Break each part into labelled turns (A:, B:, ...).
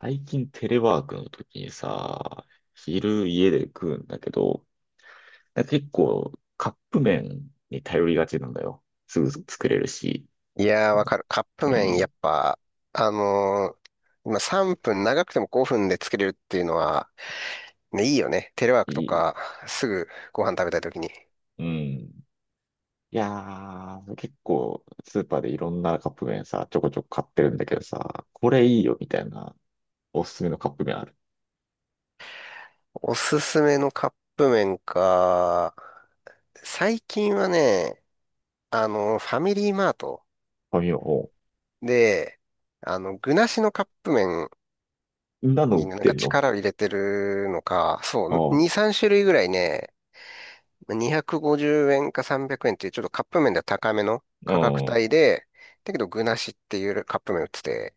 A: 最近テレワークの時にさ、昼家で食うんだけど、なんか結構カップ麺に頼りがちなんだよ。すぐ作れるし。
B: いやー、わかる。カップ
A: う
B: 麺、や
A: ん。
B: っぱ、あのー今3分、長くても5分で作れるっていうのは、ね、いいよね。テレワー
A: い
B: クと
A: い。
B: か、すぐご飯食べたい時に。
A: うん。いやー、結構スーパーでいろんなカップ麺さ、ちょこちょこ買ってるんだけどさ、これいいよみたいなおすすめのカップ麺ある。
B: おすすめのカップ麺か。最近はね、あのファミリーマート
A: 紙を、おう。
B: で、あの、具なしのカップ麺
A: そんなの売
B: に
A: っ
B: なん
A: て
B: か
A: んの。
B: 力を入れてるのか、そ
A: あ
B: う、
A: あ、
B: 2、3種類ぐらいね、250円か300円っていうちょっとカップ麺では高めの
A: う
B: 価格
A: ん。
B: 帯で、だけど具なしっていうカップ麺売ってて、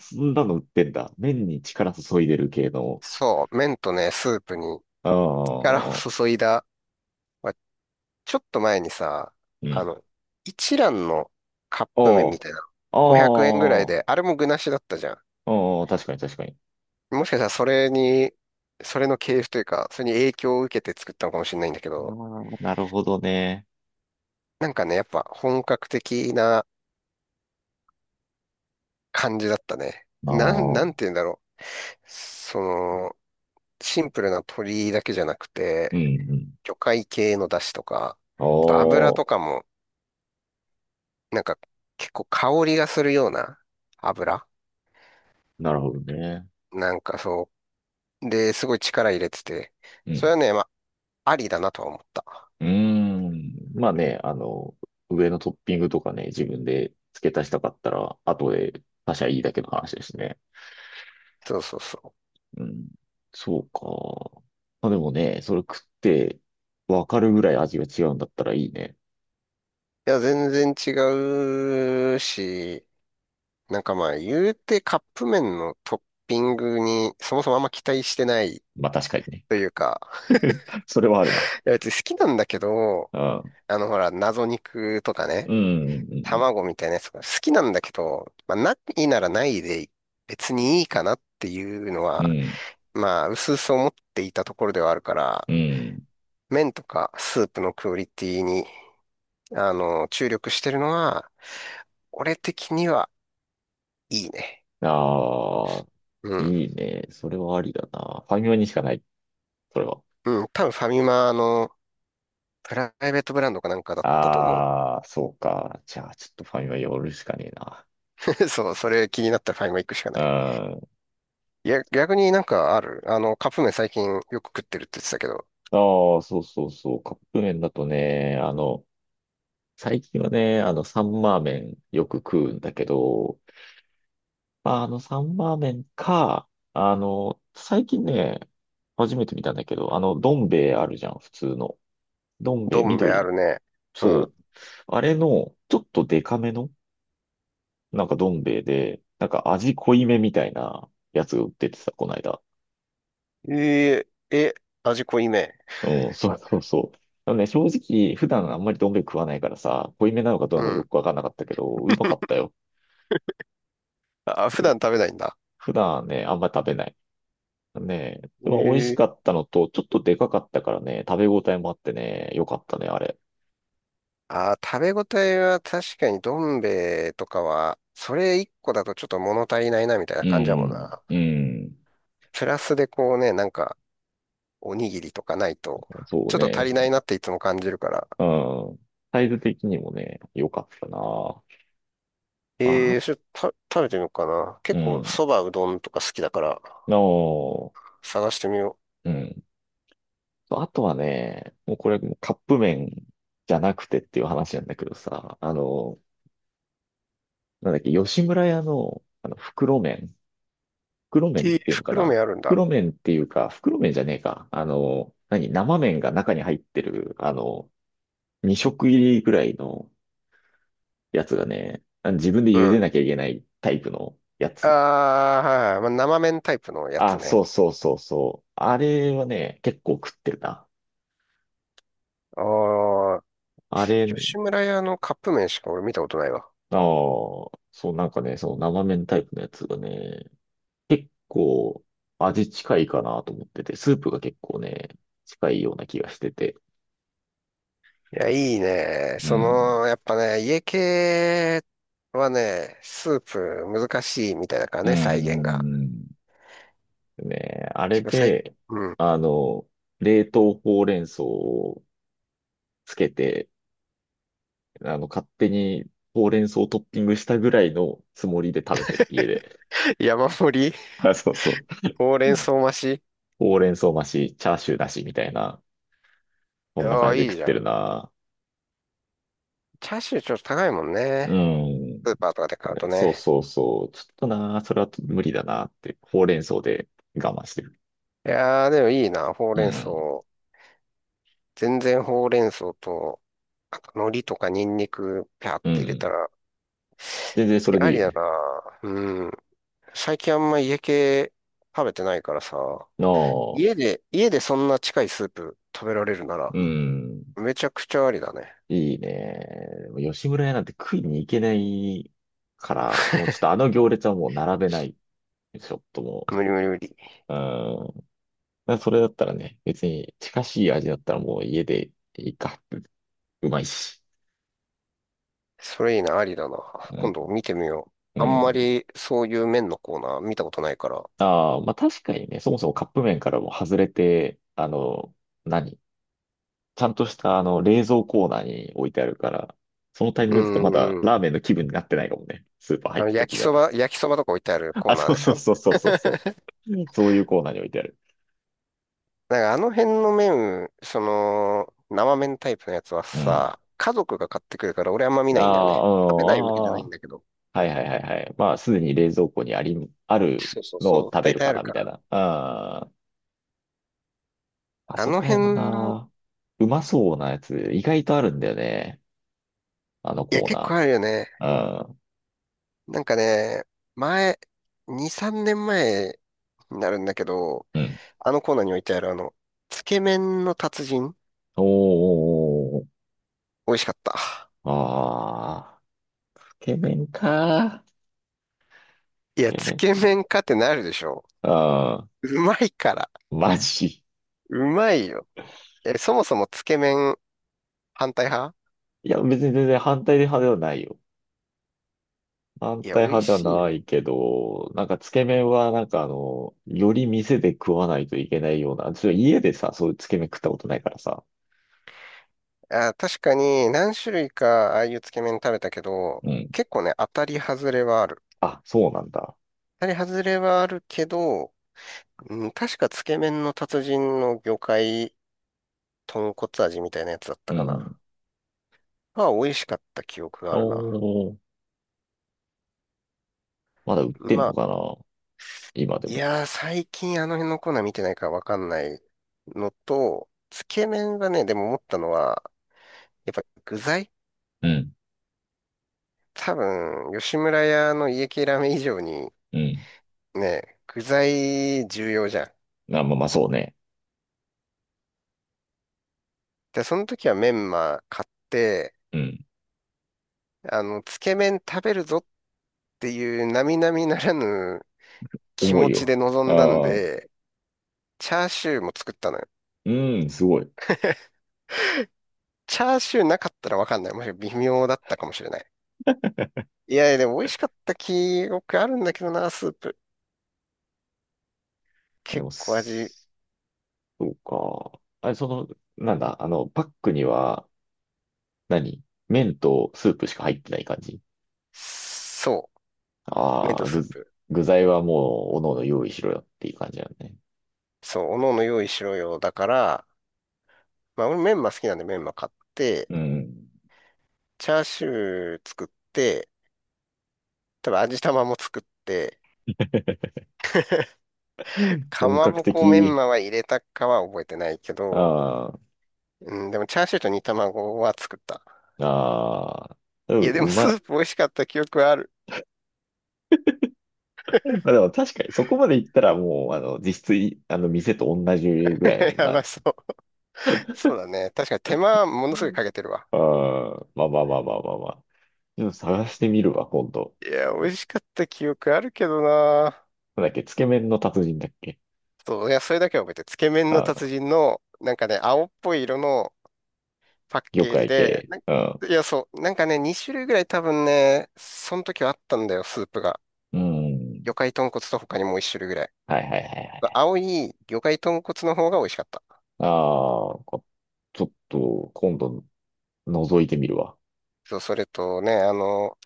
A: そんなの売ってんだ。麺に力注いでる系の。
B: そう、麺とね、スープに
A: あ
B: 力を
A: あ、
B: 注いだ、まあ、ちょっと前にさ、
A: う
B: あ
A: ん。
B: の、一蘭のカップ麺み
A: あ
B: たいな、
A: あ、あ
B: 500円ぐらい
A: あ、
B: で、あれも具なしだったじゃん。
A: うん、確かに確かに。
B: もしかしたらそれに、それの系譜というか、それに影響を受けて作ったのかもしれないんだけ
A: あ
B: ど、
A: ーなるほどね。
B: なんかね、やっぱ本格的な感じだったね。
A: ああ、う
B: なん
A: ん、
B: て言うんだろう。その、シンプルな鶏だけじゃなく
A: う
B: て、
A: ん。
B: 魚介系の出汁とか、
A: あ
B: あと油
A: あ、
B: とかも、なんか結構香りがするような油
A: なるほどね。
B: なんかそう。で、すごい力入れてて、
A: う
B: それ
A: ん。
B: はね、まあ、ありだなとは思った。
A: うーん。まあね、上のトッピングとかね、自分で付け足したかったら、後で他社いいだけの話ですね。
B: そうそうそう。
A: うん。そうか。まあでもね、それ食って分かるぐらい味が違うんだったらいいね。
B: いや、全然違うし、なんかまあ、言うてカップ麺のトッピングにそもそもあんま期待してない
A: まあ確かにね。
B: というか、
A: それはある
B: い
A: な。
B: や、別に好きなんだけど、
A: うん。
B: あの、ほら、謎肉とかね、
A: うん、うん、
B: 卵みたいなやつが好きなんだけど、まあ、ないならないで別にいいかなっていうの
A: うん、う
B: は、
A: ん。
B: まあ、薄々思っていたところではあるから、
A: うん。
B: 麺とかスープのクオリティに、あの、注力してるのは、俺的にはいいね。
A: ああ、
B: うん。
A: いいね。それはありだな。ファミマにしかない。それは。
B: うん。多分ファミマのプライベートブランドかなんかだったと思
A: ああ、そうか。じゃあ、ちょっとファミマ寄るしかねえな。
B: う。そう、それ気になったらファミマ行くしか
A: う
B: ない。
A: ん。
B: いや、逆になんかある。あの、カップ麺最近よく食ってるって言ってたけど、
A: ああ、そうそうそう。カップ麺だとね、最近はね、サンマー麺よく食うんだけど、まあ、あの、サンマー麺か、最近ね、初めて見たんだけど、あの、どん兵衛あるじゃん、普通の。どん兵衛
B: どん兵衛あ
A: 緑。
B: るね。う
A: そ
B: ん。
A: う。あれの、ちょっとデカめのなんかどん兵衛で、なんか味濃いめみたいなやつが売っててさ、こないだ。
B: えええ、味濃いめ。
A: うん、そうそうそう。でもね、正直、普段あんまりどん兵衛食わないからさ、濃いめなのかどう
B: う
A: なのかよ
B: ん。
A: くわかんなかったけど、うまかった よ。
B: あ、普段食べないんだ。
A: 普段ね、あんまり食べない。ねえ、まあ、美味しか
B: ええ
A: ったのと、ちょっとでかかったからね、食べ応えもあってね、よかったね、あれ。
B: 食べ応えは確かにどん兵衛とかは、それ一個だとちょっと物足りないなみたいな
A: う
B: 感じだもん
A: ん、
B: な。
A: うん、
B: プラスでこうね、なんか、おにぎりとかないと、
A: そ
B: ち
A: う
B: ょっと足
A: ね、
B: りないなっていつも感じるから。
A: うん。サイズ的にもね、よかったな。あ、
B: ええそれた、食べてみようかな。
A: う
B: 結構
A: ん、
B: そばうどんとか好きだから、
A: の、
B: 探してみよ
A: うん。そうあとはね、もうこれカップ麺じゃなくてっていう話なんだけどさ、あの、なんだっけ、吉村屋の、あの、袋麺。袋
B: う。
A: 麺っ
B: えー
A: ていうのか
B: 袋
A: な。
B: 麺あるんだ。
A: 袋麺っていうか、袋麺じゃねえか。あの、何生麺が中に入ってる、あの、2食入りぐらいのやつがね、あの自分で
B: う
A: 茹で
B: ん。
A: なきゃいけないタイプのや
B: あ
A: つ。
B: あ、はいはい。まあ、生麺タイプのや
A: あ、
B: つ
A: そ
B: ね。
A: うそうそうそう。あれはね、結構食ってるな。
B: ああ、
A: あれ、
B: 吉村屋のカップ麺しか俺見たことないわ。
A: ああ、そう。なんかね、その生麺タイプのやつがね、結構味近いかなと思ってて、スープが結構ね、近いような気がしてて。
B: いや、いいね。
A: う
B: そ
A: ん。
B: の、やっぱね、家系はね、スープ難しいみたいだから
A: う
B: ね、再現が。
A: ん。ね、あ
B: し
A: れ
B: かも最、
A: で、
B: うん。
A: あの、冷凍ほうれん草をつけて、勝手にほうれん草をトッピングしたぐらいのつもりで食べてる、家で。
B: 山盛り、
A: あ、そうそ
B: ほう
A: う。
B: れ
A: う
B: ん
A: ん。
B: 草増し。
A: ほうれん草増し、チャーシューなしみたいな、そんな
B: あ
A: 感
B: あ、
A: じで
B: い
A: 食
B: い
A: っ
B: じゃ
A: て
B: ん。
A: るな。
B: チャーシューちょっと高いもんね。
A: うん。
B: スーパーとかで買うと
A: ね、そう
B: ね。
A: そうそう。ちょっとな、それは無理だなって、ほうれん草で我慢してる。
B: いやー、でもいいな、ほう
A: う
B: れん草。
A: ん。
B: 全然ほうれん草と、あと海苔とかニンニク、ぴゃっ
A: う
B: て入れた
A: ん。
B: ら、
A: 全然そ
B: い
A: れ
B: や
A: で
B: あ
A: いい
B: り
A: よ
B: だ
A: ね。
B: な。うん、最近あんま家系食べてないからさ、
A: の。
B: 家で、家でそんな近いスープ食べられるなら、
A: うん。
B: めちゃくちゃありだね。
A: いいね。でも吉村屋なんて食いに行けないから、もうちょっとあの行列はもう並べない。ちょっとも
B: 無理無理無理。
A: う。うん。だからそれだったらね、別に近しい味だったらもう家でいいか。うまいし。
B: それいいな、ありだな。
A: う
B: 今
A: ん。
B: 度見てみよ
A: う
B: う。あんま
A: ん。
B: りそういう麺のコーナー見たことないから。
A: ああ、まあ確かにね、そもそもカップ麺からも外れて、あの、何ちゃんとしたあの冷蔵コーナーに置いてあるから、そのタイミン
B: う
A: グだとまだ
B: ーん。
A: ラーメンの気分になってないかもね。スーパー
B: あ
A: 入っ
B: の
A: た
B: 焼
A: 時
B: き
A: に
B: そ
A: は。
B: ば、焼きそばとか置いてある コー
A: あ、
B: ナ
A: そ
B: ー
A: う
B: でし
A: そう
B: ょ。
A: そうそう そうそう。うん、そういうコーナーに置いてある。
B: なんかあの辺の麺、その、生麺タイプのやつは
A: うん。
B: さ、家族が買ってくるから俺あんま見
A: あ
B: ないんだよね。
A: あ、
B: 食べないわけじゃな
A: うん、
B: い
A: あ
B: ん
A: あ。
B: だけど。
A: はいはいはいはい。まあ、すでに冷蔵庫にあり、ある
B: そうそう
A: のを
B: そう。
A: 食べ
B: 大
A: る
B: 体あ
A: か
B: る
A: な、み
B: か
A: たい
B: ら。
A: な。ああ、あ
B: あ
A: そ
B: の
A: こら辺は
B: 辺の、
A: な、うまそうなやつ、意外とあるんだよね。あの
B: いや、
A: コー
B: 結
A: ナ
B: 構あるよね。
A: ー。
B: なんかね、前、2、3年前になるんだけど、
A: うん。うん。
B: あのコーナーに置いてあるあの、つけ麺の達人、
A: おーおーおーおー。
B: 美味しかった。
A: ああ、つけ麺か。
B: いや、
A: ケメ
B: つ
A: ン
B: け
A: な。
B: 麺かってなるでしょ。
A: あ
B: うまいから。
A: あマジ。
B: うまいよ。え、そもそもつけ麺反対派？
A: いや、別に全然反対派ではないよ。反
B: いや、
A: 対
B: 美味
A: 派で
B: しい
A: はな
B: よ。
A: いけど、なんかつけ麺はなんかあの、より店で食わないといけないような、ちょ家でさ、そういうつけ麺食ったことないからさ。
B: あ、確かに何種類かああいうつけ麺食べたけど、
A: うん。
B: 結構ね、当たり外れはある。
A: あ、そうなんだ。
B: 当たり外れはあるけど、うん、確かつけ麺の達人の魚介豚骨味みたいなやつだった
A: う
B: かな。
A: ん。
B: まあ、美味しかった記憶が
A: お
B: あるな。
A: ー、まだ売って
B: ま
A: んの
B: あ、
A: かな今で
B: い
A: も。
B: やー、最近あの辺のコーナー見てないからわかんないのと、つけ麺がね、でも思ったのは、やっぱ具材
A: うん。
B: 多分、吉村屋の家系ラーメン以上に
A: うん。
B: ね、具材重要じゃん。
A: あ、まあまあそうね。
B: で、その時はメンマ買って、
A: うん。
B: あの、つけ麺食べるぞっていう並々ならぬ気
A: 重
B: 持
A: い
B: ちで
A: よ。
B: 臨んだん
A: ああ、
B: で、チャーシューも作ったのよ。
A: うん、すごい。
B: チャーシューなかったらわかんない。もし微妙だったかもしれない。いやいや、でも美味しかった記憶あるんだけどな、スープ。
A: で
B: 結
A: も、
B: 構味、
A: す、そうか。あれ、その、なんだ、あの、パックには、何麺とスープしか入ってない感じ。
B: そう。麺
A: あ
B: と
A: あ
B: ス
A: 具、
B: ープ。
A: 具材はもう、おのおの用意しろよっていう感じなんね。
B: そう、おのおの用意しろよ。だから、まあ俺メンマ好きなんでメンマ買って、
A: うん。
B: チャーシュー作って、多分味玉も作って、
A: うん、
B: か
A: 本
B: ま
A: 格
B: ぼこメン
A: 的。
B: マは入れたかは覚えてないけど、
A: ああ、
B: うん、でもチャーシューと煮卵は作った。
A: ああ、う
B: い
A: ん、
B: や、でも
A: う
B: ス
A: まい。
B: ープ美味しかった記憶はある。
A: まあでも確かにそこまで行ったらもう、あの、実質い、あの、店と同じぐらいの もん
B: やば
A: だ。
B: そう。そうだね。確かに手間ものすごいかけてるわ。
A: ああ、まあまあまあまあまあまあ。でも探してみるわ、今度。
B: いや、美味しかった記憶あるけどな。
A: なんだっけ、つけ麺の達人だっけ。
B: そう、いや、それだけは覚えてる。つけ麺の
A: あ
B: 達
A: あ、
B: 人の、なんかね、青っぽい色のパッ
A: 魚
B: ケージ
A: 介
B: で、
A: 系。うん。
B: いや、そう、なんかね、2種類ぐらい多分ね、その時はあったんだよ、スープが。
A: うん。
B: 魚介豚骨と他にもう1種類ぐらい。
A: はいはいはいはい。
B: 青い魚介豚骨の方が美味しかった。
A: ああ、ちょっと、今度、覗いてみるわ。
B: そう、それとね、あの、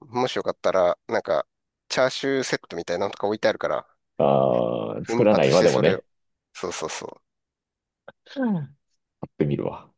B: もしよかったら、なんか、チャーシューセットみたいなのとか置いてあるから、
A: ああ、作
B: 奮
A: らな
B: 発
A: い
B: し
A: わ、
B: て
A: でも
B: それ
A: ね。
B: を。そうそうそう。
A: うん。買ってみるわ。